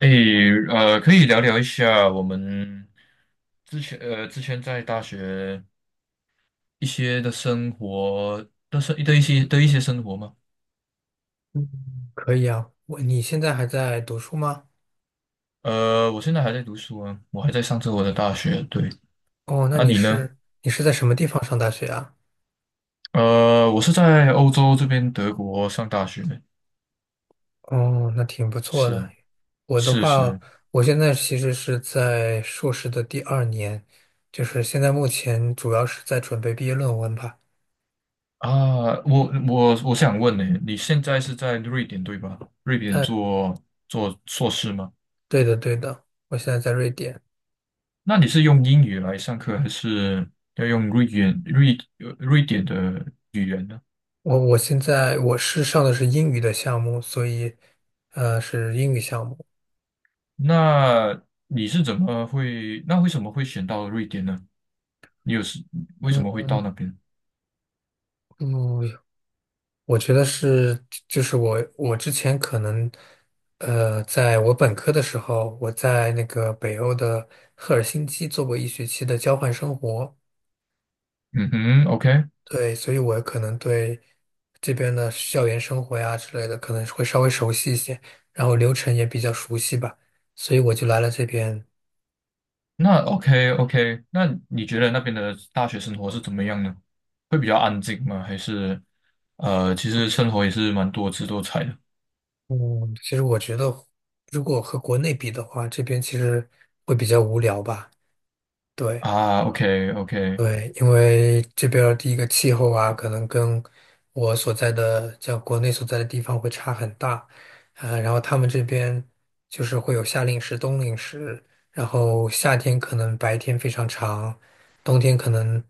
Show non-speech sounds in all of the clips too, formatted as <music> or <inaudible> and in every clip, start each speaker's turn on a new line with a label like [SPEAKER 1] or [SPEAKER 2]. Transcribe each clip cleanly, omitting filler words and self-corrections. [SPEAKER 1] 诶，可以聊聊一下我们之前在大学一些的生活的生的一些的一些生活吗？
[SPEAKER 2] 嗯，可以啊。你现在还在读书吗？
[SPEAKER 1] 我现在还在读书啊，我还在上着我的大学。对，
[SPEAKER 2] 哦，那
[SPEAKER 1] 那
[SPEAKER 2] 你
[SPEAKER 1] 你呢？
[SPEAKER 2] 是你是在什么地方上大学啊？
[SPEAKER 1] 我是在欧洲这边德国上大学的，
[SPEAKER 2] 哦，那挺不错的。
[SPEAKER 1] 是
[SPEAKER 2] 我的
[SPEAKER 1] 是
[SPEAKER 2] 话，
[SPEAKER 1] 是
[SPEAKER 2] 我现在其实是在硕士的第二年，就是现在目前主要是在准备毕业论文吧。
[SPEAKER 1] 啊，我想问呢，你现在是在瑞典对吧？瑞典
[SPEAKER 2] 嗯，
[SPEAKER 1] 做硕士吗？
[SPEAKER 2] 对的，对的，我现在在瑞典。
[SPEAKER 1] 那你是用英语来上课，还是要用瑞典的语言呢？
[SPEAKER 2] 我现在我是上的是英语的项目，所以是英语项目。
[SPEAKER 1] 那那为什么会选到瑞典呢？你有是为
[SPEAKER 2] 嗯
[SPEAKER 1] 什么会到
[SPEAKER 2] 嗯，
[SPEAKER 1] 那边？
[SPEAKER 2] 嗯我觉得是，就是我之前可能，在我本科的时候，我在那个北欧的赫尔辛基做过1学期的交换生活，
[SPEAKER 1] 嗯哼，OK，
[SPEAKER 2] 对，所以我可能对这边的校园生活呀之类的可能会稍微熟悉一些，然后流程也比较熟悉吧，所以我就来了这边。
[SPEAKER 1] 那 OK OK，那你觉得那边的大学生活是怎么样呢？会比较安静吗？还是其实生活也是蛮多姿多彩的
[SPEAKER 2] 嗯，其实我觉得，如果和国内比的话，这边其实会比较无聊吧，对。
[SPEAKER 1] 啊？OK OK
[SPEAKER 2] 对，因为这边儿第一个气候啊，可能跟我所在的像国内所在的地方会差很大，然后他们这边就是会有夏令时、冬令时，然后夏天可能白天非常长，冬天可能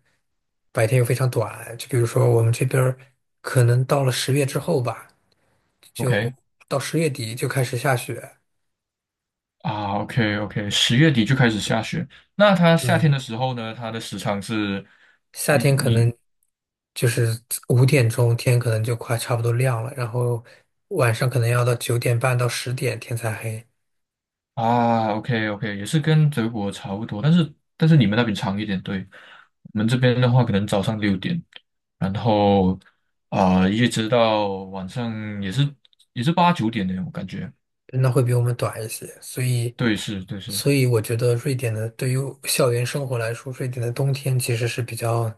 [SPEAKER 2] 白天又非常短。就比如说我们这边儿可能到了十月之后吧，就
[SPEAKER 1] OK，
[SPEAKER 2] 到10月底就开始下雪。
[SPEAKER 1] 啊，OK OK，10月底就开始下雪。那它夏
[SPEAKER 2] 对。
[SPEAKER 1] 天的时候呢，它的时长是，
[SPEAKER 2] 夏
[SPEAKER 1] 你
[SPEAKER 2] 天可
[SPEAKER 1] 你
[SPEAKER 2] 能就是5点钟天可能就快差不多亮了，然后晚上可能要到9点半到10点天才黑，
[SPEAKER 1] 啊，OK OK，也是跟德国差不多，但是你们那边长一点，对。我们这边的话，可能早上6点，然后一直到晚上也是8、9点的，我感觉。
[SPEAKER 2] 那会比我们短一些。所以，
[SPEAKER 1] 对，是，
[SPEAKER 2] 所以我觉得瑞典的对于校园生活来说，瑞典的冬天其实是比较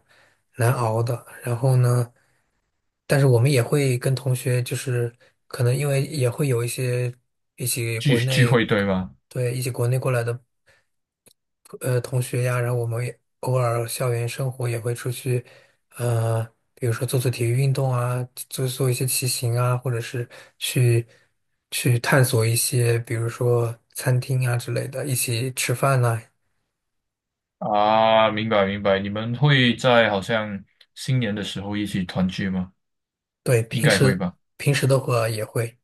[SPEAKER 2] 难熬的。然后呢，但是我们也会跟同学，就是可能因为也会有一些一起
[SPEAKER 1] 聚
[SPEAKER 2] 国
[SPEAKER 1] 聚
[SPEAKER 2] 内，
[SPEAKER 1] 会，对吗？
[SPEAKER 2] 对，一起国内过来的。同学呀，然后我们也偶尔校园生活也会出去，呃，比如说做做体育运动啊，做做一些骑行啊，或者是去去探索一些，比如说餐厅啊之类的，一起吃饭呐、
[SPEAKER 1] 啊，明白明白，你们会在好像新年的时候一起团聚吗？
[SPEAKER 2] 对，
[SPEAKER 1] 应
[SPEAKER 2] 平
[SPEAKER 1] 该会
[SPEAKER 2] 时
[SPEAKER 1] 吧。
[SPEAKER 2] 平时的话也会。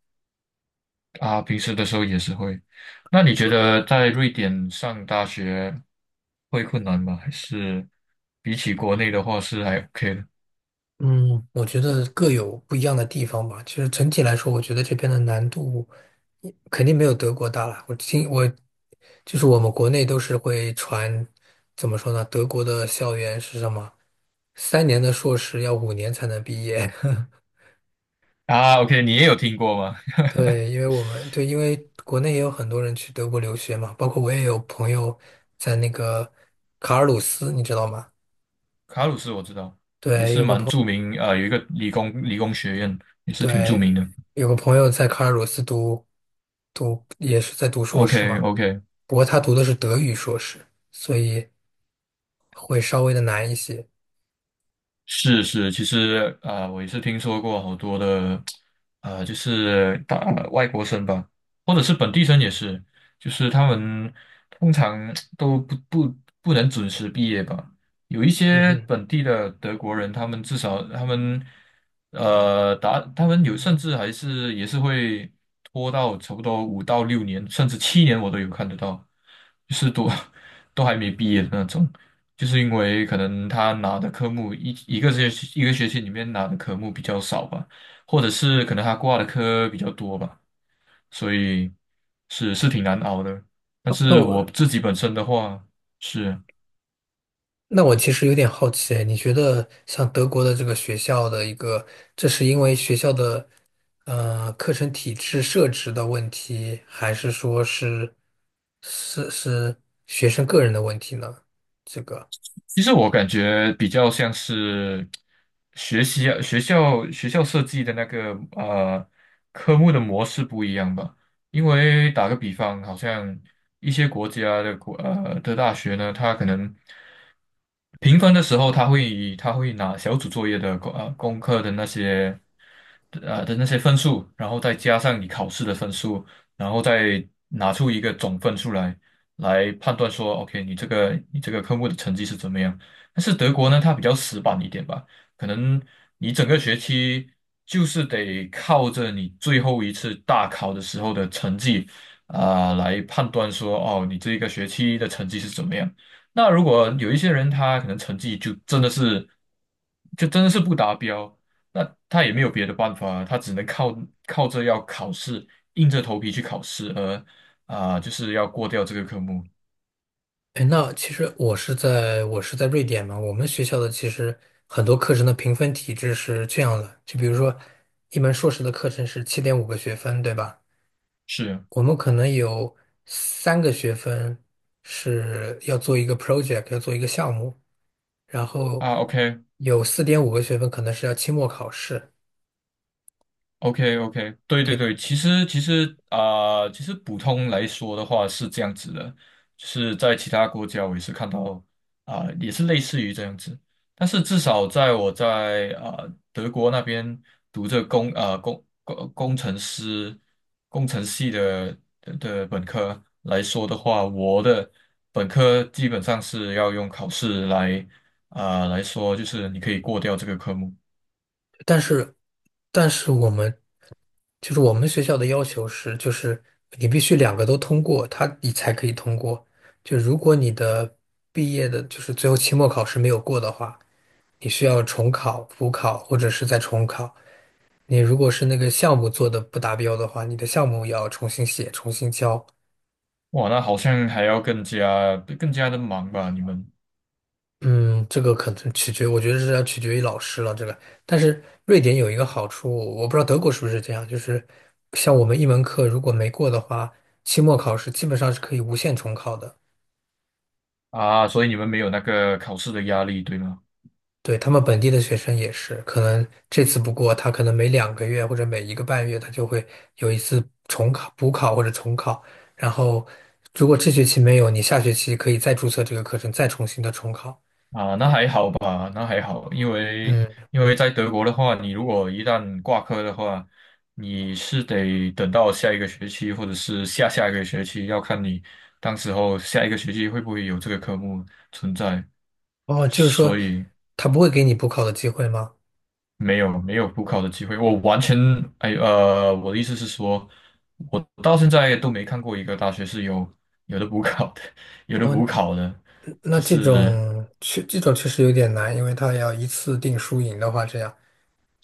[SPEAKER 1] 啊，平时的时候也是会。那你觉得在瑞典上大学会困难吗？还是比起国内的话是还 OK 的？
[SPEAKER 2] 嗯，我觉得各有不一样的地方吧。其实整体来说，我觉得这边的难度肯定没有德国大了。我就是我们国内都是会传，怎么说呢？德国的校园是什么？3年的硕士要5年才能毕业。<laughs>
[SPEAKER 1] 啊，OK，你也有听过吗？
[SPEAKER 2] 对，因为我们对，因为国内也有很多人去德国留学嘛，包括我也有朋友在那个卡尔鲁斯，你知道吗？
[SPEAKER 1] <laughs> 卡鲁斯我知道，也
[SPEAKER 2] 对，
[SPEAKER 1] 是
[SPEAKER 2] 有个
[SPEAKER 1] 蛮
[SPEAKER 2] 朋。
[SPEAKER 1] 著名，啊，有一个理工学院也是挺著名
[SPEAKER 2] 对，
[SPEAKER 1] 的。
[SPEAKER 2] 有个朋友在卡尔鲁斯读，也是在读硕
[SPEAKER 1] o
[SPEAKER 2] 士
[SPEAKER 1] k
[SPEAKER 2] 嘛，
[SPEAKER 1] o k
[SPEAKER 2] 不过他读的是德语硕士，所以会稍微的难一些。
[SPEAKER 1] 是是，其实我也是听说过好多的，就是外国生吧，或者是本地生也是，就是他们通常都不能准时毕业吧。有一
[SPEAKER 2] 嗯
[SPEAKER 1] 些
[SPEAKER 2] 哼，
[SPEAKER 1] 本地的德国人，他们至少他们呃达他们有甚至也是会拖到差不多5到6年，甚至7年我都有看得到，就是都 <laughs> 都还没毕业的那种。就是因为可能他拿的科目一个学期一个学期里面拿的科目比较少吧，或者是可能他挂的科比较多吧，所以是挺难熬的。但
[SPEAKER 2] 那
[SPEAKER 1] 是我
[SPEAKER 2] 我
[SPEAKER 1] 自己本身的话，是。
[SPEAKER 2] 那我其实有点好奇，你觉得像德国的这个学校的一个，这是因为学校的课程体制设置的问题，还是说是学生个人的问题呢？这个。
[SPEAKER 1] 其实我感觉比较像是学习啊学校设计的那个科目的模式不一样吧。因为打个比方，好像一些国家的的大学呢，它可能评分的时候，他会拿小组作业的功课的那些分数，然后再加上你考试的分数，然后再拿出一个总分出来。来判断说，OK，你这个科目的成绩是怎么样。但是德国呢，它比较死板一点吧，可能你整个学期就是得靠着你最后一次大考的时候的成绩啊，来判断说，哦，你这一个学期的成绩是怎么样。那如果有一些人他可能成绩就真的是，不达标，那他也没有别的办法，他只能靠着要考试，硬着头皮去考试。啊，就是要过掉这个科目。
[SPEAKER 2] 哎，那其实我是在瑞典嘛，我们学校的其实很多课程的评分体制是这样的，就比如说一门硕士的课程是7.5个学分，对吧？
[SPEAKER 1] 是
[SPEAKER 2] 我们可能有3个学分是要做一个 project，要做一个项目，然后
[SPEAKER 1] 啊，OK，
[SPEAKER 2] 有4.5个学分可能是要期末考试。
[SPEAKER 1] OK OK，对对
[SPEAKER 2] 对。
[SPEAKER 1] 对，其实普通来说的话是这样子的，就是在其他国家我也是看到也是类似于这样子，但是至少在我在啊、呃德国那边读这工啊、工工工程师工程系的本科来说的话，我的本科基本上是要用考试来说，就是你可以过掉这个科目。
[SPEAKER 2] 但是，但是就是我们学校的要求是，就是你必须两个都通过，他你才可以通过。就如果你的毕业的，就是最后期末考试没有过的话，你需要重考、补考或者是再重考。你如果是那个项目做的不达标的话，你的项目要重新写、重新交。
[SPEAKER 1] 哇，那好像还要更加的忙吧？你们
[SPEAKER 2] 嗯，这个可能我觉得是要取决于老师了。这个，但是瑞典有一个好处，我不知道德国是不是这样，就是像我们一门课如果没过的话，期末考试基本上是可以无限重考的。
[SPEAKER 1] 啊，所以你们没有那个考试的压力，对吗？
[SPEAKER 2] 对，他们本地的学生也是，可能这次不过，他可能每2个月或者每1个半月，他就会有一次重考、补考或者重考。然后，如果这学期没有，你下学期可以再注册这个课程，再重新的重考。
[SPEAKER 1] 啊，那
[SPEAKER 2] 就
[SPEAKER 1] 还好吧，那还好，因为
[SPEAKER 2] 嗯，
[SPEAKER 1] 因为在德国的话，你如果一旦挂科的话，你是得等到下一个学期或者是下下一个学期，要看你当时候下一个学期会不会有这个科目存在。
[SPEAKER 2] 哦，就是说，
[SPEAKER 1] 所以，
[SPEAKER 2] 他不会给你补考的机会吗？
[SPEAKER 1] 没有没有补考的机会，我完全哎呃，我的意思是说，我到现在都没看过一个大学是有的补考的，<laughs> 有的
[SPEAKER 2] 哦，
[SPEAKER 1] 补考的，
[SPEAKER 2] 那
[SPEAKER 1] 就
[SPEAKER 2] 这种
[SPEAKER 1] 是
[SPEAKER 2] 确这种确实有点难，因为他要一次定输赢的话，这样，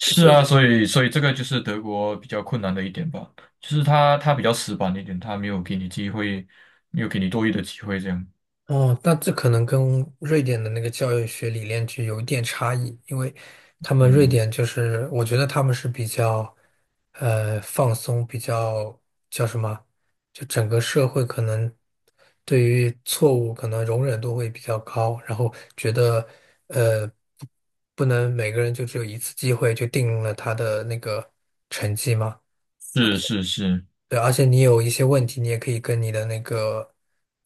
[SPEAKER 2] 所
[SPEAKER 1] 啊，
[SPEAKER 2] 以
[SPEAKER 1] 所以这个就是德国比较困难的一点吧，就是他比较死板一点，他没有给你机会，没有给你多余的机会这样，
[SPEAKER 2] 哦，那这可能跟瑞典的那个教育学理念就有一点差异，因为他们瑞
[SPEAKER 1] 嗯，
[SPEAKER 2] 典就是，我觉得他们是比较，放松，比较叫什么，就整个社会可能对于错误可能容忍度会比较高，然后觉得，呃，不不能每个人就只有一次机会就定了他的那个成绩吗？
[SPEAKER 1] 是是是，
[SPEAKER 2] 对，而且你有一些问题，你也可以跟你的那个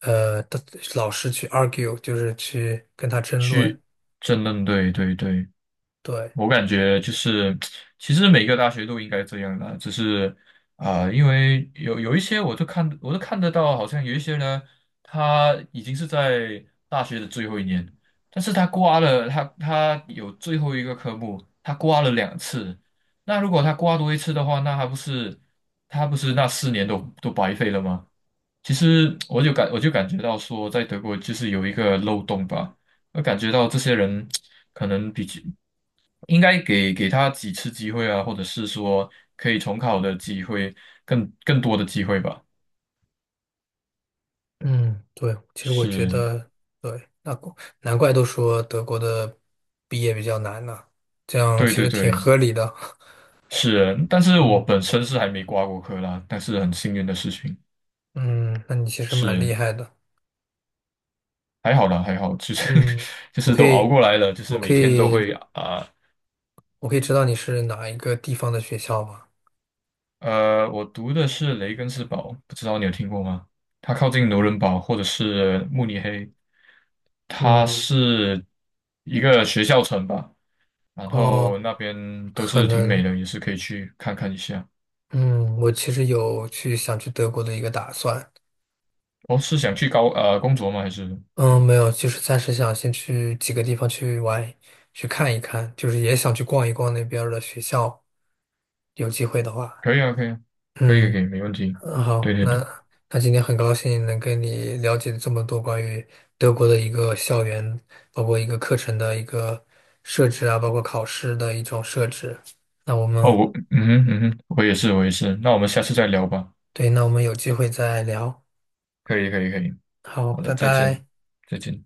[SPEAKER 2] 的老师去 argue，就是去跟他争论。
[SPEAKER 1] 争论，对对对，
[SPEAKER 2] 对，
[SPEAKER 1] 我感觉就是，其实每个大学都应该这样的，只是因为有一些我都看得到，好像有一些呢，他已经是在大学的最后一年，但是他挂了，他有最后一个科目，他挂了2次，那如果他挂多一次的话，那还不是他不是那4年都白费了吗？其实我就感觉到说，在德国就是有一个漏洞吧。我感觉到这些人可能比较应该给他几次机会啊，或者是说可以重考的机会，更多的机会吧。
[SPEAKER 2] 嗯，对，其实我觉
[SPEAKER 1] 是，
[SPEAKER 2] 得，对，那难怪都说德国的毕业比较难呢，这样
[SPEAKER 1] 对
[SPEAKER 2] 其
[SPEAKER 1] 对
[SPEAKER 2] 实挺
[SPEAKER 1] 对，
[SPEAKER 2] 合理的。
[SPEAKER 1] 是。但是我
[SPEAKER 2] 嗯
[SPEAKER 1] 本身是还没挂过科啦，但是很幸运的事情
[SPEAKER 2] <laughs> 嗯，那你其实蛮
[SPEAKER 1] 是，
[SPEAKER 2] 厉害的。
[SPEAKER 1] 还好啦，还好，就是
[SPEAKER 2] 嗯，
[SPEAKER 1] <laughs> 就
[SPEAKER 2] 我
[SPEAKER 1] 是
[SPEAKER 2] 可
[SPEAKER 1] 都熬
[SPEAKER 2] 以，
[SPEAKER 1] 过来了，就是
[SPEAKER 2] 我
[SPEAKER 1] 每
[SPEAKER 2] 可
[SPEAKER 1] 天都
[SPEAKER 2] 以，
[SPEAKER 1] 会
[SPEAKER 2] 我可以知道你是哪一个地方的学校吗？
[SPEAKER 1] 我读的是雷根斯堡，不知道你有听过吗？它靠近纽伦堡或者是慕尼黑，它
[SPEAKER 2] 嗯，
[SPEAKER 1] 是一个学校城吧。然后
[SPEAKER 2] 哦，
[SPEAKER 1] 那边都
[SPEAKER 2] 可
[SPEAKER 1] 是挺美
[SPEAKER 2] 能。
[SPEAKER 1] 的，也是可以去看看一下。
[SPEAKER 2] 嗯，我其实有去想去德国的一个打算，
[SPEAKER 1] 哦，是想去工作吗？还是
[SPEAKER 2] 嗯，没有，就是暂时想先去几个地方去玩，去看一看，就是也想去逛一逛那边儿的学校，有机会的话，
[SPEAKER 1] 可以啊，可以啊，可以
[SPEAKER 2] 嗯，
[SPEAKER 1] 可以，没问题。
[SPEAKER 2] 嗯
[SPEAKER 1] 对
[SPEAKER 2] 好，
[SPEAKER 1] 对对，
[SPEAKER 2] 那今天很高兴能跟你了解这么多关于德国的一个校园，包括一个课程的一个设置啊，包括考试的一种设置。那我
[SPEAKER 1] 哦，
[SPEAKER 2] 们，
[SPEAKER 1] 我嗯哼嗯哼，我也是我也是。那我们下次再聊吧。
[SPEAKER 2] 对，那我们有机会再聊。
[SPEAKER 1] 可以可以可以，
[SPEAKER 2] 好，
[SPEAKER 1] 好的，
[SPEAKER 2] 拜
[SPEAKER 1] 再见
[SPEAKER 2] 拜。
[SPEAKER 1] 再见。